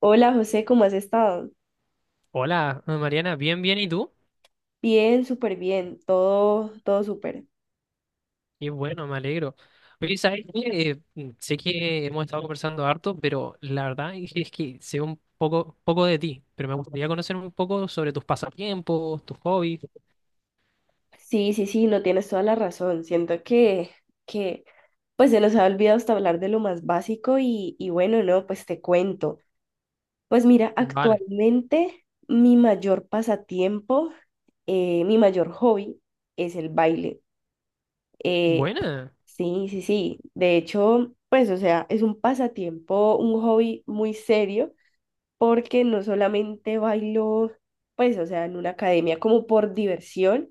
Hola José, ¿cómo has estado? Hola, Mariana, bien, bien, ¿y tú? Bien, súper bien, todo súper. Y bueno, me alegro. Oye, ¿sabes qué? Sé que hemos estado conversando harto, pero la verdad es que sé un poco de ti, pero me gustaría conocer un poco sobre tus pasatiempos, tus hobbies. Sí, sí, sí, no tienes toda la razón. Siento que pues se nos ha olvidado hasta hablar de lo más básico y bueno, no, pues te cuento. Pues mira, Vale. actualmente mi mayor pasatiempo, mi mayor hobby es el baile. Eh, Buena, sí, sí, sí. De hecho, pues, o sea, es un pasatiempo, un hobby muy serio porque no solamente bailo, pues, o sea, en una academia como por diversión,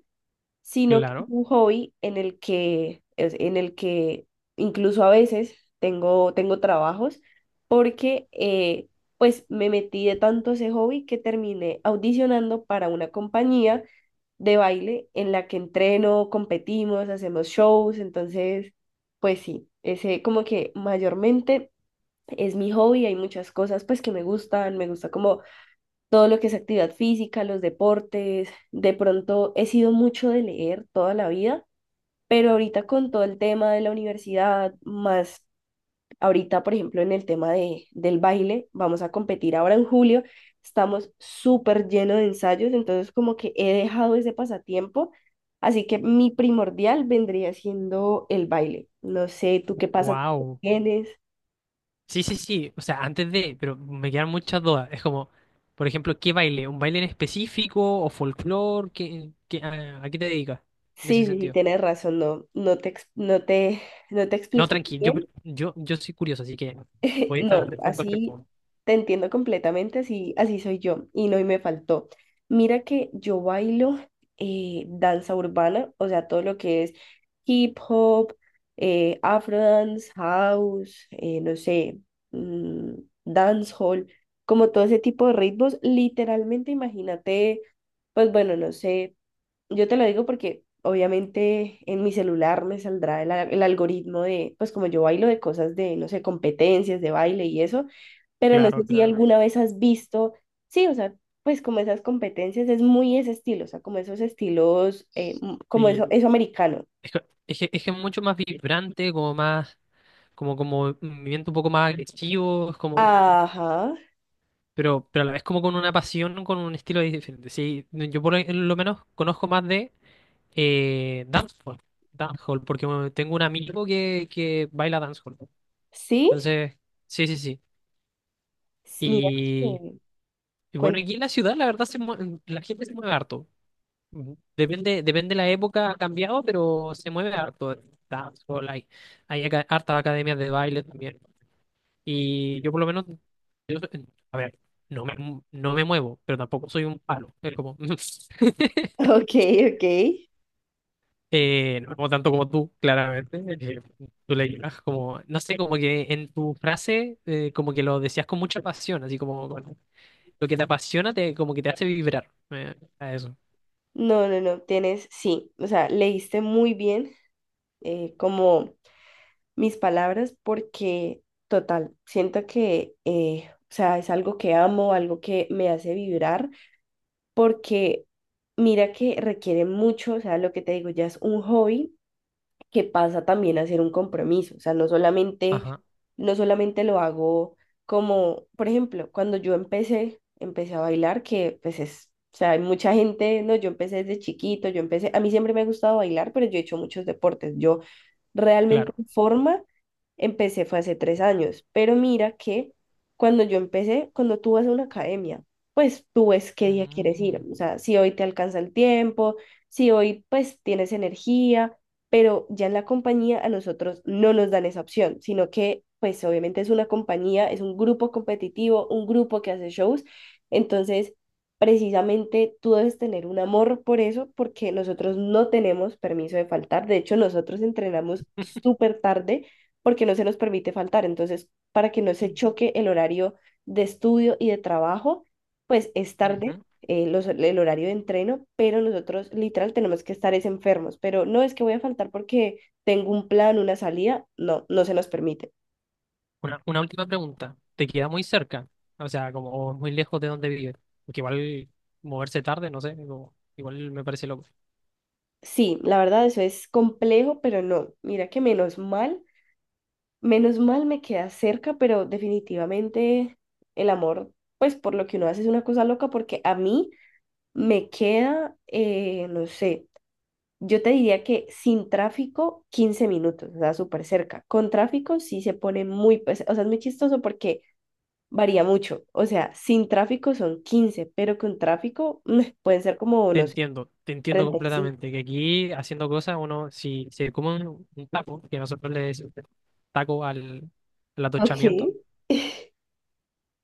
sino que es claro. un hobby en el que incluso a veces tengo trabajos, porque pues me metí de tanto a ese hobby que terminé audicionando para una compañía de baile en la que entreno, competimos, hacemos shows. Entonces, pues sí, ese como que mayormente es mi hobby. Hay muchas cosas pues que me gustan, me gusta como todo lo que es actividad física, los deportes. De pronto he sido mucho de leer toda la vida, pero ahorita con todo el tema de la universidad, más ahorita, por ejemplo, en el tema del baile, vamos a competir ahora en julio, estamos súper llenos de ensayos, entonces como que he dejado ese pasatiempo. Así que mi primordial vendría siendo el baile. No sé, ¿tú qué pasatiempo Wow. tienes? Sí, sí, sí. O sea, antes de, pero me quedan muchas dudas. Es como, por ejemplo, ¿qué baile? ¿Un baile en específico o folclore? ¿Qué, qué- a qué te dedicas en ese Sí, sí, sí, sentido? tienes razón. No, no te, ex- no te, no te No, expliqué tranqui, yo, bien. yo, yo soy curioso, así que voy a estar No, atento a cualquier así pregunta. te entiendo completamente, así soy yo. Y no, y me faltó. Mira que yo bailo danza urbana, o sea, todo lo que es hip hop, afro dance, house, no sé, mm, dancehall, como todo ese tipo de ritmos, literalmente imagínate, pues bueno, no sé. Yo te lo digo porque obviamente en mi celular me saldrá el algoritmo de, pues como yo bailo de cosas de, no sé, competencias de baile y eso, pero no sé Claro, si claro. alguna vez has visto. Sí, o sea, pues como esas competencias es muy ese estilo, o sea, como esos estilos, como Sí, eso americano. es que, es que es mucho más vibrante, como más, como, como movimiento un poco más agresivo, es como, Ajá, pero a la vez como con una pasión, con un estilo diferente. Sí, no, yo por lo menos conozco más de dancehall, dancehall, porque bueno, tengo un amigo que baila dancehall. sí, Entonces, sí, sí, sí. Mira Y, que y bueno, cuenta. aquí en la ciudad la verdad se mue- la gente se mueve harto. Ujú. Depende, depende la época, ha cambiado, pero se mueve harto el dancehall. Hay aca- hartas academias de baile también. Y yo por lo menos, yo so- a ver, no me, no me muevo, pero tampoco soy un palo. Es como, Ok, ok. No me muevo tanto como tú, claramente. Tú le llegas como, no sé, como que en tu frase, como que lo decías con mucha pasión, así como con- lo que te apasiona, te, como que te hace vibrar. A eso. No, no, no, tienes, sí, o sea, leíste muy bien, como mis palabras, porque total, siento que, o sea, es algo que amo, algo que me hace vibrar, porque mira que requiere mucho, o sea, lo que te digo, ya es un hobby que pasa también a hacer un compromiso, o sea, no solamente, Ajá, no solamente lo hago como, por ejemplo, cuando yo empecé a bailar, que pues es, o sea, hay mucha gente, no, yo empecé desde chiquito. A mí siempre me ha gustado bailar, pero yo he hecho muchos deportes, yo realmente claro. en forma empecé fue hace 3 años, pero mira que cuando tú vas a una academia, pues tú ves qué día quieres ir, Mm. o sea, si hoy te alcanza el tiempo, si hoy pues tienes energía, pero ya en la compañía a nosotros no nos dan esa opción, sino que pues obviamente es una compañía, es un grupo competitivo, un grupo que hace shows. Entonces precisamente tú debes tener un amor por eso porque nosotros no tenemos permiso de faltar. De hecho, nosotros entrenamos súper tarde porque no se nos permite faltar, entonces para que no se choque el horario de estudio y de trabajo, pues es tarde, Ujú. El horario de entreno, pero nosotros literal tenemos que estar es enfermos, pero no es que voy a faltar porque tengo un plan, una salida, no, no se nos permite. Una última pregunta. ¿Te queda muy cerca? O sea, como o muy lejos de donde vives. Porque igual moverse tarde, no sé, como- igual me parece loco. Sí, la verdad eso es complejo, pero no, mira que menos mal me queda cerca, pero definitivamente el amor, pues por lo que uno hace es una cosa loca, porque a mí me queda, no sé. Yo te diría que sin tráfico, 15 minutos, o sea, súper cerca. Con tráfico sí se pone muy, pues, o sea, es muy chistoso porque varía mucho. O sea, sin tráfico son 15, pero con tráfico, pueden ser como, no sé, Te entiendo 35. completamente. Que aquí haciendo cosas, uno, si se come un taco, que nosotros le decimos taco al, al Ok. atochamiento,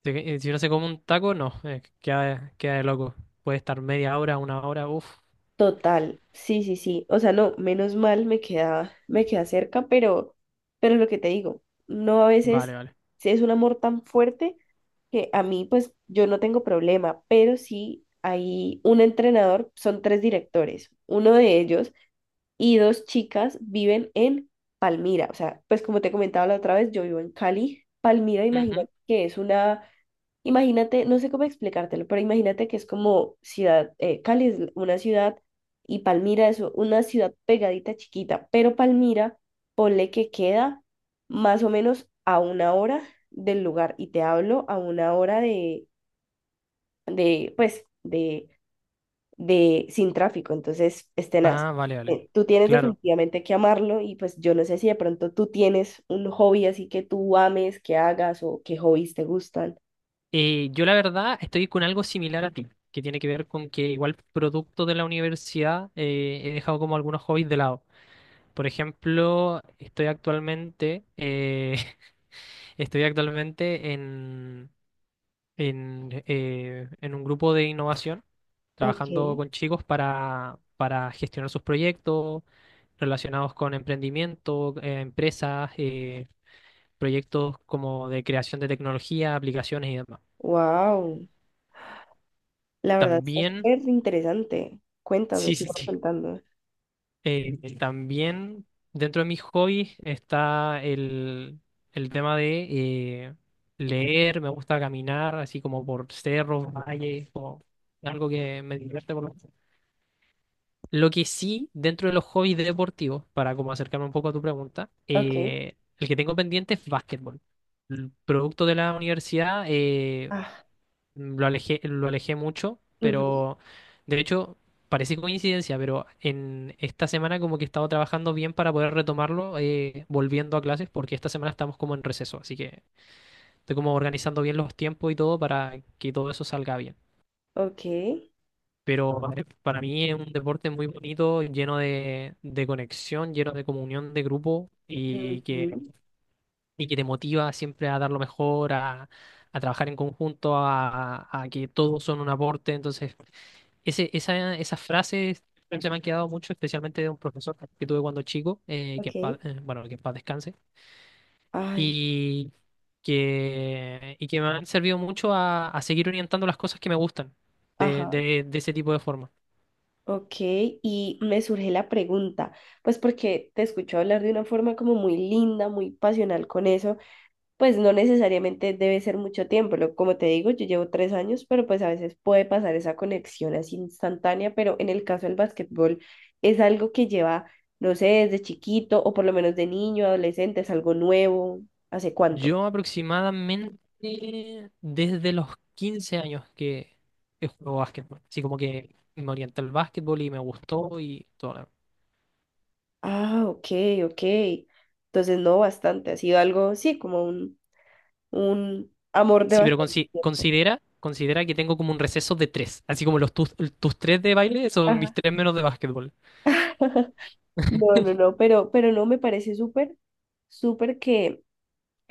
si, si uno se come un taco, no, queda, queda de loco. Puede estar media hora, una hora, uff, Total, sí, sí, sí. O sea, no, menos mal me queda cerca, pero lo que te digo, no, a vale, veces vale. sí es un amor tan fuerte que a mí, pues, yo no tengo problema, pero sí hay un entrenador, son tres directores. Uno de ellos y dos chicas viven en Palmira. O sea, pues como te comentaba la otra vez, yo vivo en Cali. Palmira, Ujú. imagínate que imagínate, no sé cómo explicártelo, pero imagínate que es como ciudad, Cali es una ciudad y Palmira es una ciudad pegadita chiquita, pero Palmira, ponle que queda más o menos a 1 hora del lugar y te hablo a 1 hora de pues, de sin tráfico, entonces es tenaz. Ah, vale, vale. Tú tienes Claro. definitivamente que amarlo y pues yo no sé si de pronto tú tienes un hobby así que tú ames, que hagas o qué hobbies te gustan. Yo la verdad estoy con algo similar a ti, que tiene que ver con que igual producto de la universidad he dejado como algunos hobbies de lado. Por ejemplo, estoy actualmente, estoy actualmente en un grupo de innovación, Ok, trabajando con chicos para gestionar sus proyectos relacionados con emprendimiento, empresas, proyectos como de creación de tecnología, aplicaciones y demás. wow, la verdad está También, súper interesante. Cuéntame, sí, sí, sigo sí. contando. También dentro de mis hobbies está el tema de leer, me gusta caminar así como por cerros, valles, o algo que me divierte por lo menos. Lo que sí, dentro de los hobbies deportivos, para como acercarme un poco a tu pregunta, Ok, el que tengo pendiente es básquetbol. El producto de la universidad, ah, lo alejé mucho, ujú, pero de hecho parece coincidencia, pero en esta semana como que he estado trabajando bien para poder retomarlo, volviendo a clases, porque esta semana estamos como en receso, así que estoy como organizando bien los tiempos y todo para que todo eso salga bien. ok, Pero ujú. Para mí es un deporte muy bonito, lleno de conexión, lleno de comunión de grupo ujú, y que te motiva siempre a dar lo mejor, a trabajar en conjunto, a que todos son un aporte, entonces... Ese, esa, esas frases se me han quedado mucho, especialmente de un profesor que tuve cuando chico, ok, bueno, que en paz descanse, ay, y y que me han servido mucho a seguir orientando las cosas que me gustan ajá, de ese tipo de forma. ok. Y me surge la pregunta, pues porque te escucho hablar de una forma como muy linda, muy pasional con eso. Pues no necesariamente debe ser mucho tiempo. Como te digo, yo llevo 3 años, pero pues a veces puede pasar esa conexión así instantánea, pero en el caso del básquetbol es algo que lleva, no sé, desde chiquito o por lo menos de niño, adolescente, es algo nuevo. ¿Hace cuánto? Yo aproximadamente desde los 15 años que juego básquetbol, así como que me orienté al básquetbol y me gustó y todo. Ah, ok, ok. Entonces no, bastante, ha sido algo, sí, como un amor de Sí, pero bastante consi- tiempo. considera, considera que tengo como un receso de tres. Así como los tus, tus tres de baile son mis Ajá. tres menos de básquetbol. No, no, no, pero no me parece súper, súper que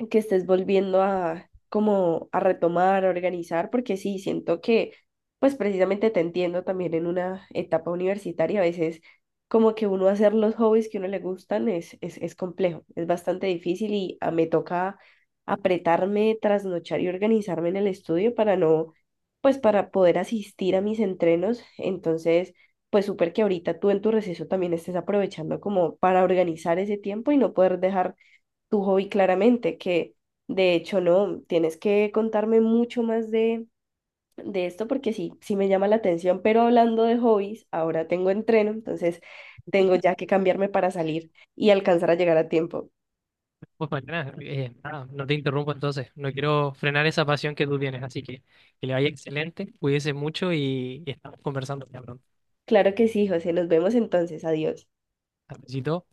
que estés volviendo a como a retomar, a organizar, porque sí, siento que pues precisamente te entiendo también en una etapa universitaria, a veces como que uno hacer los hobbies que a uno le gustan es, complejo, es bastante difícil y me toca apretarme, trasnochar y organizarme en el estudio para no, pues para poder asistir a mis entrenos, entonces... Pues súper que ahorita tú en tu receso también estés aprovechando como para organizar ese tiempo y no poder dejar tu hobby claramente, que de hecho no, tienes que contarme mucho más de esto porque sí, sí me llama la atención, pero hablando de hobbies, ahora tengo entreno, entonces tengo ya que cambiarme para salir y alcanzar a llegar a tiempo. Pues mañana, nada, no te interrumpo entonces. No quiero frenar esa pasión que tú tienes. Así que le vaya excelente, cuídese mucho y estamos conversando ya pronto. Claro que sí, José, nos vemos entonces, adiós. Hasta luego.